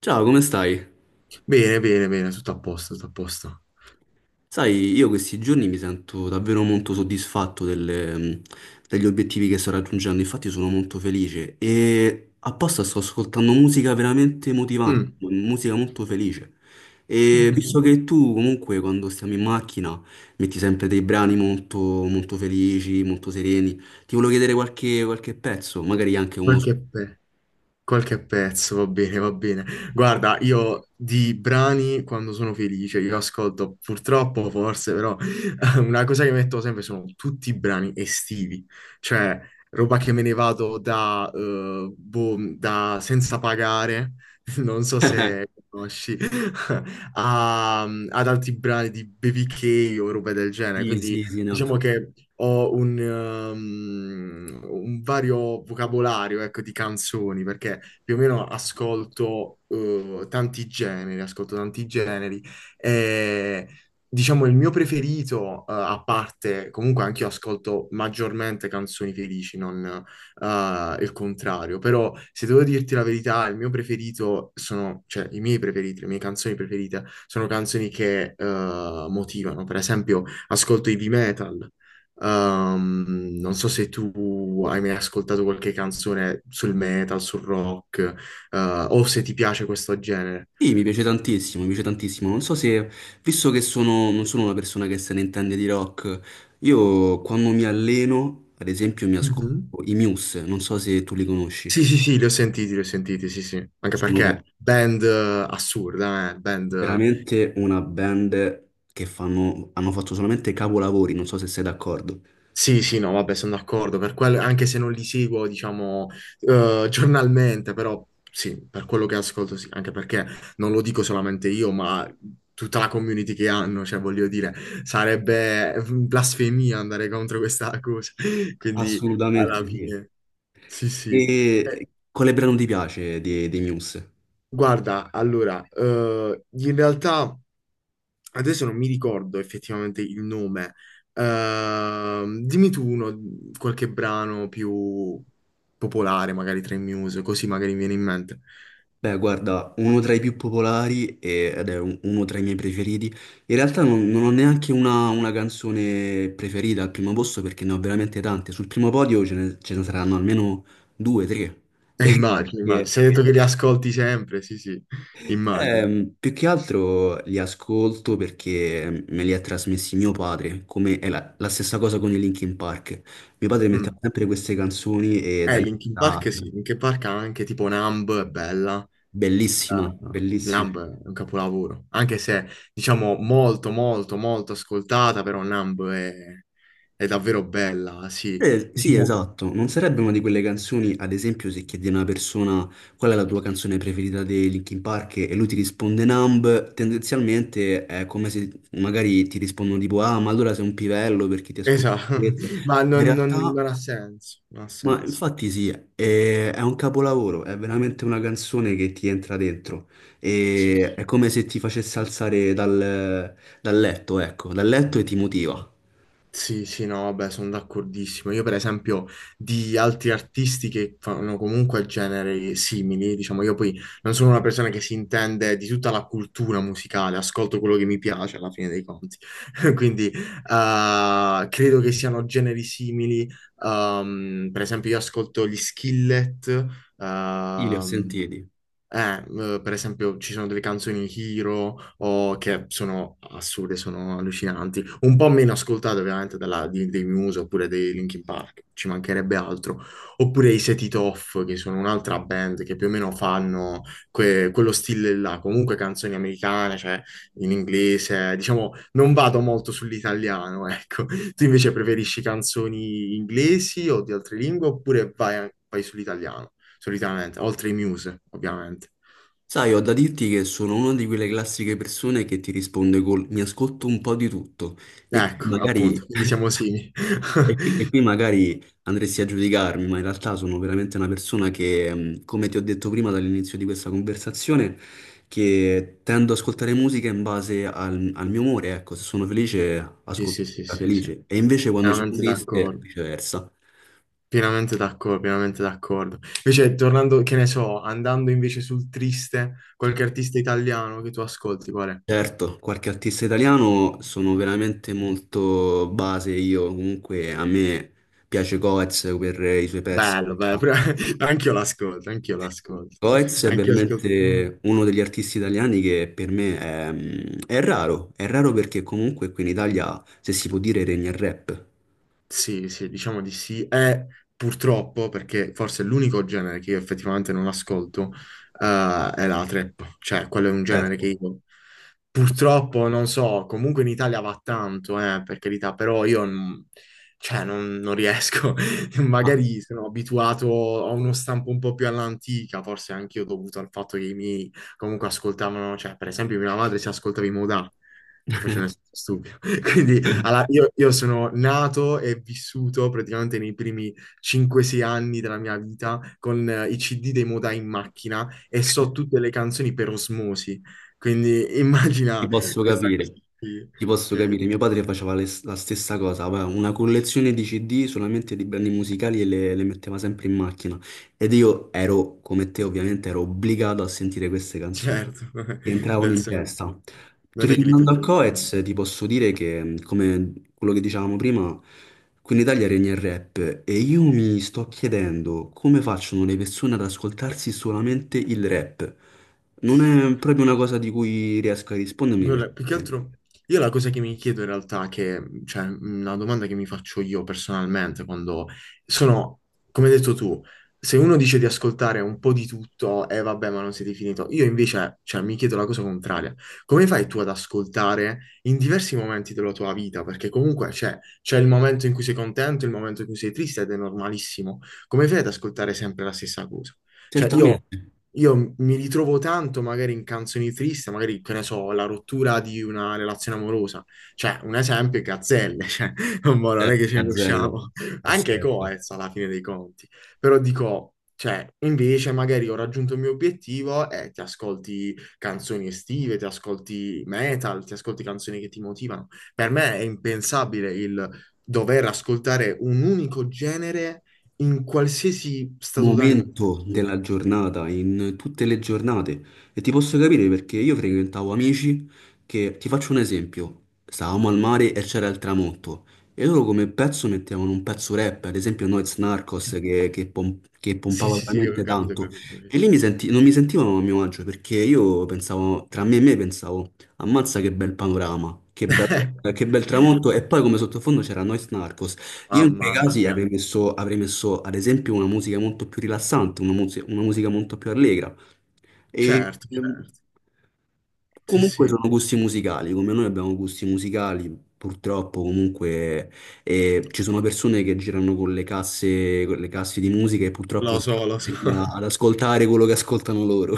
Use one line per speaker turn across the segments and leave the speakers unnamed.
Ciao, come stai?
Bene, bene, bene, tutto a posto, tutto a posto.
Sai, io questi giorni mi sento davvero molto soddisfatto delle, degli obiettivi che sto raggiungendo. Infatti sono molto felice e apposta sto ascoltando musica veramente motivante,
Mm,
musica molto felice. E visto
mhm.
che tu comunque quando stiamo in macchina metti sempre dei brani molto, molto felici, molto sereni, ti volevo chiedere qualche pezzo, magari anche uno...
Qualche, pe- qualche pezzo, va bene, va bene. Guarda, io di brani quando sono felice, io ascolto purtroppo, forse, però una cosa che metto sempre sono tutti i brani estivi, cioè roba che me ne vado da, boh, da senza pagare, non so se conosci, ad altri brani di BBK o roba del genere,
Sì,
quindi.
sì, sì, no.
Diciamo che ho un vario vocabolario, ecco, di canzoni, perché più o meno ascolto, tanti generi, ascolto tanti generi. E, diciamo, il mio preferito, a parte, comunque anche io ascolto maggiormente canzoni felici, non, il contrario. Però, se devo dirti la verità, il mio preferito sono, cioè, i miei preferiti, le mie canzoni preferite sono canzoni che, motivano. Per esempio ascolto heavy metal. Non so se tu hai mai ascoltato qualche canzone sul metal, sul rock, eh, o se ti piace questo genere.
Sì, mi piace tantissimo, mi piace tantissimo. Non so se, visto che sono, non sono una persona che se ne intende di rock, io quando mi alleno, ad esempio, mi ascolto
Mhm.
i Muse, non so se tu li conosci.
Sì, sì, sì, li ho sentiti, sì, sì. Anche
Sono
perché band assurda, eh? Band.
veramente una band che fanno, hanno fatto solamente capolavori, non so se sei d'accordo.
Sì, sì, no, vabbè, sono d'accordo, anche se non li seguo, diciamo, giornalmente, però sì, per quello che ascolto, sì, anche perché non lo dico solamente io, ma tutta la community che hanno, cioè, voglio dire, sarebbe blasfemia andare contro questa cosa, quindi
Assolutamente
alla
sì.
fine, sì, sì.
E
Eh,
quale brano ti piace dei, dei Muse?
guarda, allora, in realtà. Adesso non mi ricordo effettivamente il nome. Dimmi tu uno, qualche brano più popolare, magari tra i Muse, così magari mi viene in mente.
Beh, guarda, uno tra i più popolari e- ed è un- uno tra i miei preferiti. In realtà non, non ho neanche una canzone preferita al primo posto perché ne ho veramente tante. Sul primo podio ce ne saranno almeno due, tre.
Eh, immagino, immagino.
Perché,
Se hai detto che li ascolti sempre, sì, sì, immagino.
più che altro li ascolto perché me li ha trasmessi mio padre, come è la, la stessa cosa con i Linkin Park. Mio padre metteva
Mm.
sempre queste canzoni e da lì è
Linkin
stata
Park sì, Linkin Park ha anche tipo Numb, è bella.
bellissima, bellissima.
Numb è un capolavoro, anche se diciamo molto, molto, molto ascoltata, però Numb è davvero bella, sì.
Eh sì,
Diciamo,
esatto, non sarebbe una di quelle canzoni, ad esempio, se chiedi a una persona qual è la tua canzone preferita dei Linkin Park e lui ti risponde Numb, tendenzialmente è come se magari ti rispondono tipo ah, ma allora sei un pivello perché ti ascolti
esatto,
questo.
ma
Ma in
non
realtà,
ha senso, non ha
ma
senso.
infatti sì, è un capolavoro, è veramente una canzone che ti entra dentro
Sì,
e è
sì.
come se ti facesse alzare dal, dal letto, ecco, dal letto e ti motiva.
Sì, sì, sì, no, vabbè, sono d'accordissimo. Io, per esempio, di altri artisti che fanno comunque generi simili, diciamo, io poi non sono una persona che si intende di tutta la cultura musicale, ascolto quello che mi piace alla fine dei conti. Quindi, credo che siano generi simili. Per esempio, io ascolto gli Skillet,
Sì, li ho
ehm,
sentiti.
Eh, per esempio, ci sono delle canzoni Hero che sono assurde, sono allucinanti, un po' meno ascoltate ovviamente dei Muse oppure dei Linkin Park, ci mancherebbe altro, oppure i Set It Off, che sono un'altra band che più o meno fanno quello stile là, comunque canzoni americane, cioè in inglese, diciamo, non vado molto sull'italiano, ecco. Tu invece preferisci canzoni inglesi o di altre lingue oppure vai sull'italiano? Solitamente, oltre i Muse, ovviamente.
Sai, ho da dirti che sono una di quelle classiche persone che ti risponde col mi ascolto un po' di tutto e qui
Ecco, appunto,
magari,
quindi siamo simili.
e qui e qui magari andresti a giudicarmi, ma in realtà sono veramente una persona che, come ti ho detto prima dall'inizio di questa conversazione, che tendo ad ascoltare musica in base al, al mio umore, ecco, se sono felice
Sì,
ascolto
sì, sì,
musica
sì, sì,
felice e invece quando sono
pienamente
triste
d'accordo,
viceversa.
pienamente d'accordo, pienamente d'accordo. Invece, tornando, che ne so, andando invece sul triste, qualche artista italiano che tu ascolti, qual è?
Certo, qualche artista italiano sono veramente molto base io, comunque a me piace Coez per i suoi pezzi
Bello,
che
bello,
fa.
anch'io l'ascolto, anch'io l'ascolto,
Coez è
anch'io ascolto.
veramente uno degli artisti italiani che per me è, è raro perché comunque qui in Italia, se si può dire, regna il rap.
Sì, sì, diciamo di sì. E purtroppo, perché forse è l'unico genere che io effettivamente non ascolto, è la trap. Cioè, quello è un genere che
Certo.
io purtroppo non so, comunque in Italia va tanto, per carità, però io non, cioè, non riesco.
Ah.
Magari sono abituato a uno stampo un po' più all'antica, forse anche io dovuto al fatto che i miei comunque ascoltavano, cioè, per esempio, mia madre si ascoltava i Modà. Ti faccio un esempio stupido. Quindi allora, io sono nato e vissuto praticamente nei primi 5-6 anni della mia vita con i CD dei Modà in macchina e so tutte le canzoni per osmosi. Quindi
Ti
immagina
posso
questa cosa
capire,
qui,
ti posso
che
capire. Mio padre faceva le- la stessa cosa, aveva una collezione di CD solamente di brani musicali e le metteva sempre in macchina. Ed io ero, come te ovviamente, ero obbligato a sentire queste canzoni
certo,
che entravano
nel
in
senso,
testa.
non è che li
Tornando al
potevi dire.
Coez, ti posso dire che, come quello che dicevamo prima, qui in Italia regna il rap e io mi sto chiedendo come facciano le persone ad ascoltarsi solamente il rap. Non è proprio una cosa di cui riesco a rispondermi
Guarda, più che
perché
altro, io la cosa che mi chiedo in realtà, che, cioè, una domanda che mi faccio io personalmente, quando sono, come hai detto tu, se uno dice di ascoltare un po' di tutto e vabbè, ma non siete finito, io invece, cioè, mi chiedo la cosa contraria. Come fai tu ad ascoltare in diversi momenti della tua vita? Perché comunque c'è il momento in cui sei contento, il momento in cui sei triste ed è normalissimo. Come fai ad ascoltare sempre la stessa cosa? Cioè, io
certamente
io mi ritrovo tanto magari in canzoni tristi, magari, che ne so, la rottura di una relazione amorosa. Cioè, un esempio è Gazzelle, cioè, mo non è
c'è
che ce ne
Gazzelle,
usciamo. Anche
perfetto.
Coez alla fine dei conti. Però dico, cioè, invece magari ho raggiunto il mio obiettivo e ti ascolti canzoni estive, ti ascolti metal, ti ascolti canzoni che ti motivano. Per me è impensabile il dover ascoltare un unico genere in qualsiasi stato d'animo
Momento
sia.
della giornata, in tutte le giornate. E ti posso capire perché io frequentavo amici che, ti faccio un esempio, stavamo al mare e c'era il tramonto. E loro come pezzo mettevano un pezzo rap, ad esempio Noyz Narcos
Cioè,
che pom- che
sì,
pompava
sì, sì, ho
veramente
capito, ho
tanto.
capito, ho capito.
E lì mi senti- non mi sentivano a mio agio perché io pensavo, tra me e me pensavo, ammazza che bel panorama, che bel tramonto. E poi come sottofondo c'era Noyz Narcos. Io in quei
Mamma
casi
mia.
avrei messo ad esempio una musica molto più rilassante, una, muse- una musica molto più allegra. E
Certo, certo. Sì,
comunque
sì,
sono gusti musicali, come noi abbiamo gusti musicali, purtroppo comunque ci sono persone che girano con le casse di musica e purtroppo
lo
si
so, lo so.
mette a- ad ascoltare quello che ascoltano loro.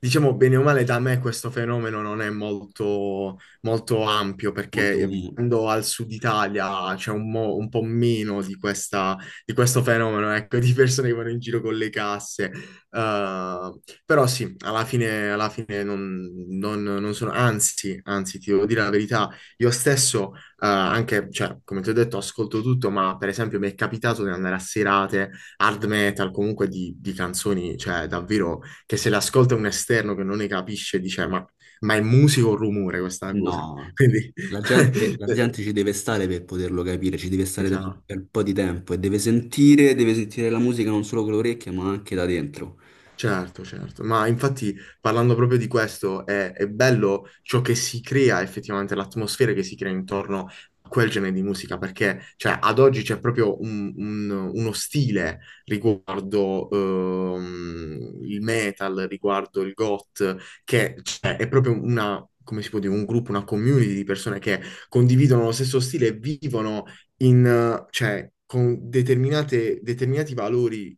Diciamo bene o male, da me questo fenomeno non è molto, molto ampio
Molto
perché
comune.
vivendo al sud Italia c'è un po' meno di, di questo fenomeno, ecco, di persone che vanno in giro con le casse. Eh, però sì, alla fine non, non sono, anzi, anzi, ti devo dire la verità, io stesso, anche, cioè, come ti ho detto, ascolto tutto, ma per esempio mi è capitato di andare a serate hard metal, comunque di canzoni, cioè davvero che se l'ascolta un esterno che non ne capisce, dice: Ma è musica o rumore questa cosa?
No,
Quindi,
la gente ci deve stare per poterlo capire, ci deve stare
esatto.
per un po' di tempo e deve sentire la musica non solo con le orecchie, ma anche da dentro.
Certo, certo, ma infatti parlando proprio di questo è bello ciò che si crea effettivamente, l'atmosfera che si crea intorno a quel genere di musica, perché cioè, ad oggi c'è proprio uno stile riguardo il metal, riguardo il goth, che cioè, è proprio una, come si può dire, un gruppo, una community di persone che condividono lo stesso stile e vivono in, cioè, con determinati valori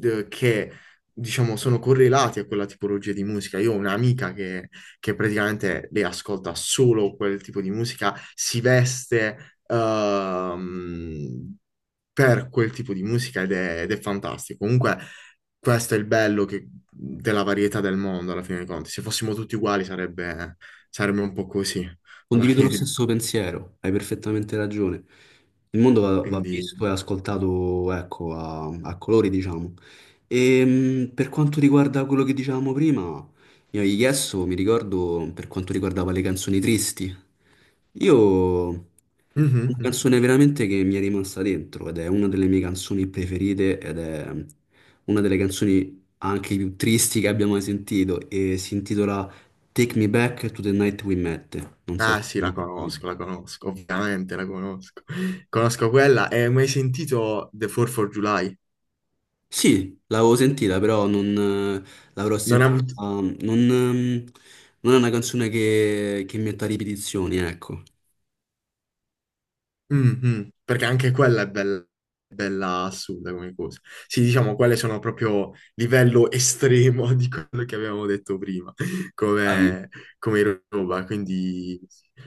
che diciamo, sono correlati a quella tipologia di musica. Io ho un'amica che praticamente lei ascolta solo quel tipo di musica, si veste ehm, per quel tipo di musica ed è fantastico. Comunque, questo è il bello della varietà del mondo, alla fine dei conti. Se fossimo tutti uguali sarebbe un po' così, alla
Condivido lo
fine dei
stesso
conti.
pensiero, hai perfettamente ragione. Il mondo va, va
Quindi.
visto e ascoltato, ecco, a, a colori, diciamo. E per quanto riguarda quello che dicevamo prima, io gli Yes, mi ricordo per quanto riguardava le canzoni tristi. Io ho
Mhm.
una canzone
Mhm.
veramente che mi è rimasta dentro ed è una delle mie canzoni preferite ed è una delle canzoni anche più tristi che abbia mai sentito e si intitola Take Me Back to the Night We Met. Non so se
Ah sì,
l'hai sentita.
la conosco, ovviamente la conosco. Conosco quella e hai mai sentito The 4th of July?
Sì, l'avevo sentita, però non l'avrò
Non ha
sentita.
avuto.
Mm. Non, non è una canzone che metta ripetizioni, ecco.
Mm, mm, perché anche quella è bella, bella assurda come cosa. Sì, diciamo, quelle sono proprio livello estremo di quello che avevamo detto prima,
Dai.
come, come roba. Quindi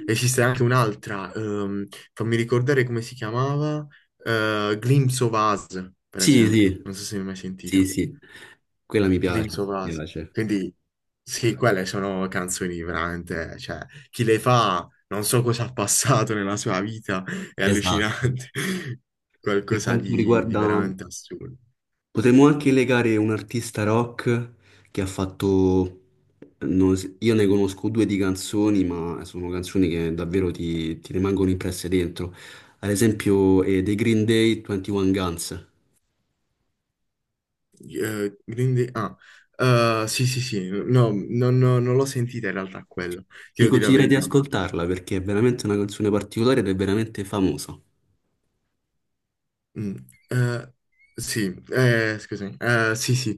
esiste anche un'altra, fammi ricordare come si chiamava, Glimpse of Us, per
Sì,
esempio.
sì,
Non so se ne hai mai
sì,
sentita.
sì. Quella mi piace,
Glimpse of
mi
Us.
piace.
Quindi sì, quelle sono canzoni veramente, cioè, chi le fa non so cosa ha passato nella sua vita, è
Esatto.
allucinante,
Per
qualcosa
quanto
di
riguarda
veramente assurdo.
potremmo anche legare un artista rock che ha fatto... Non s- io ne conosco due di canzoni, ma sono canzoni che davvero ti, ti rimangono impresse dentro. Ad esempio, The Green Day 21 Guns.
Quindi, sì, sì, sì, no, non l'ho sentita in realtà quello, ti
Ti
devo dire la
consiglio di
verità.
ascoltarla perché è veramente una canzone particolare ed è veramente famosa.
Mm, eh, sì, scusami, sì, sì,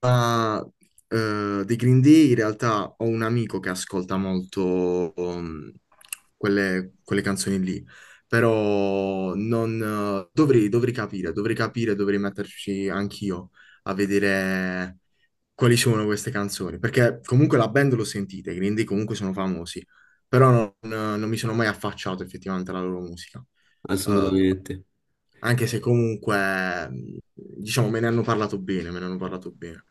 Ah, dei Green Day in realtà ho un amico che ascolta molto quelle canzoni lì, però non, dovrei capire, dovrei capire, dovrei metterci anch'io a vedere quali sono queste canzoni, perché comunque la band l'ho sentita, i Green Day comunque sono famosi, però non mi sono mai affacciato effettivamente alla loro musica. Eh,
Assolutamente.
anche se comunque, diciamo, me ne hanno parlato bene, me ne hanno parlato bene.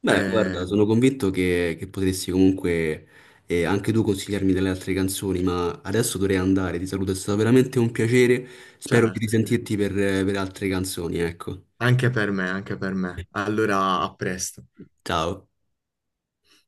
Beh, guarda,
Eh,
sono convinto che potresti comunque anche tu consigliarmi delle altre canzoni, ma adesso dovrei andare. Ti saluto, è stato veramente un piacere. Spero di
certo, certo.
risentirti per altre canzoni, ecco.
Anche per me, anche per me. Allora, a presto.
Ciao.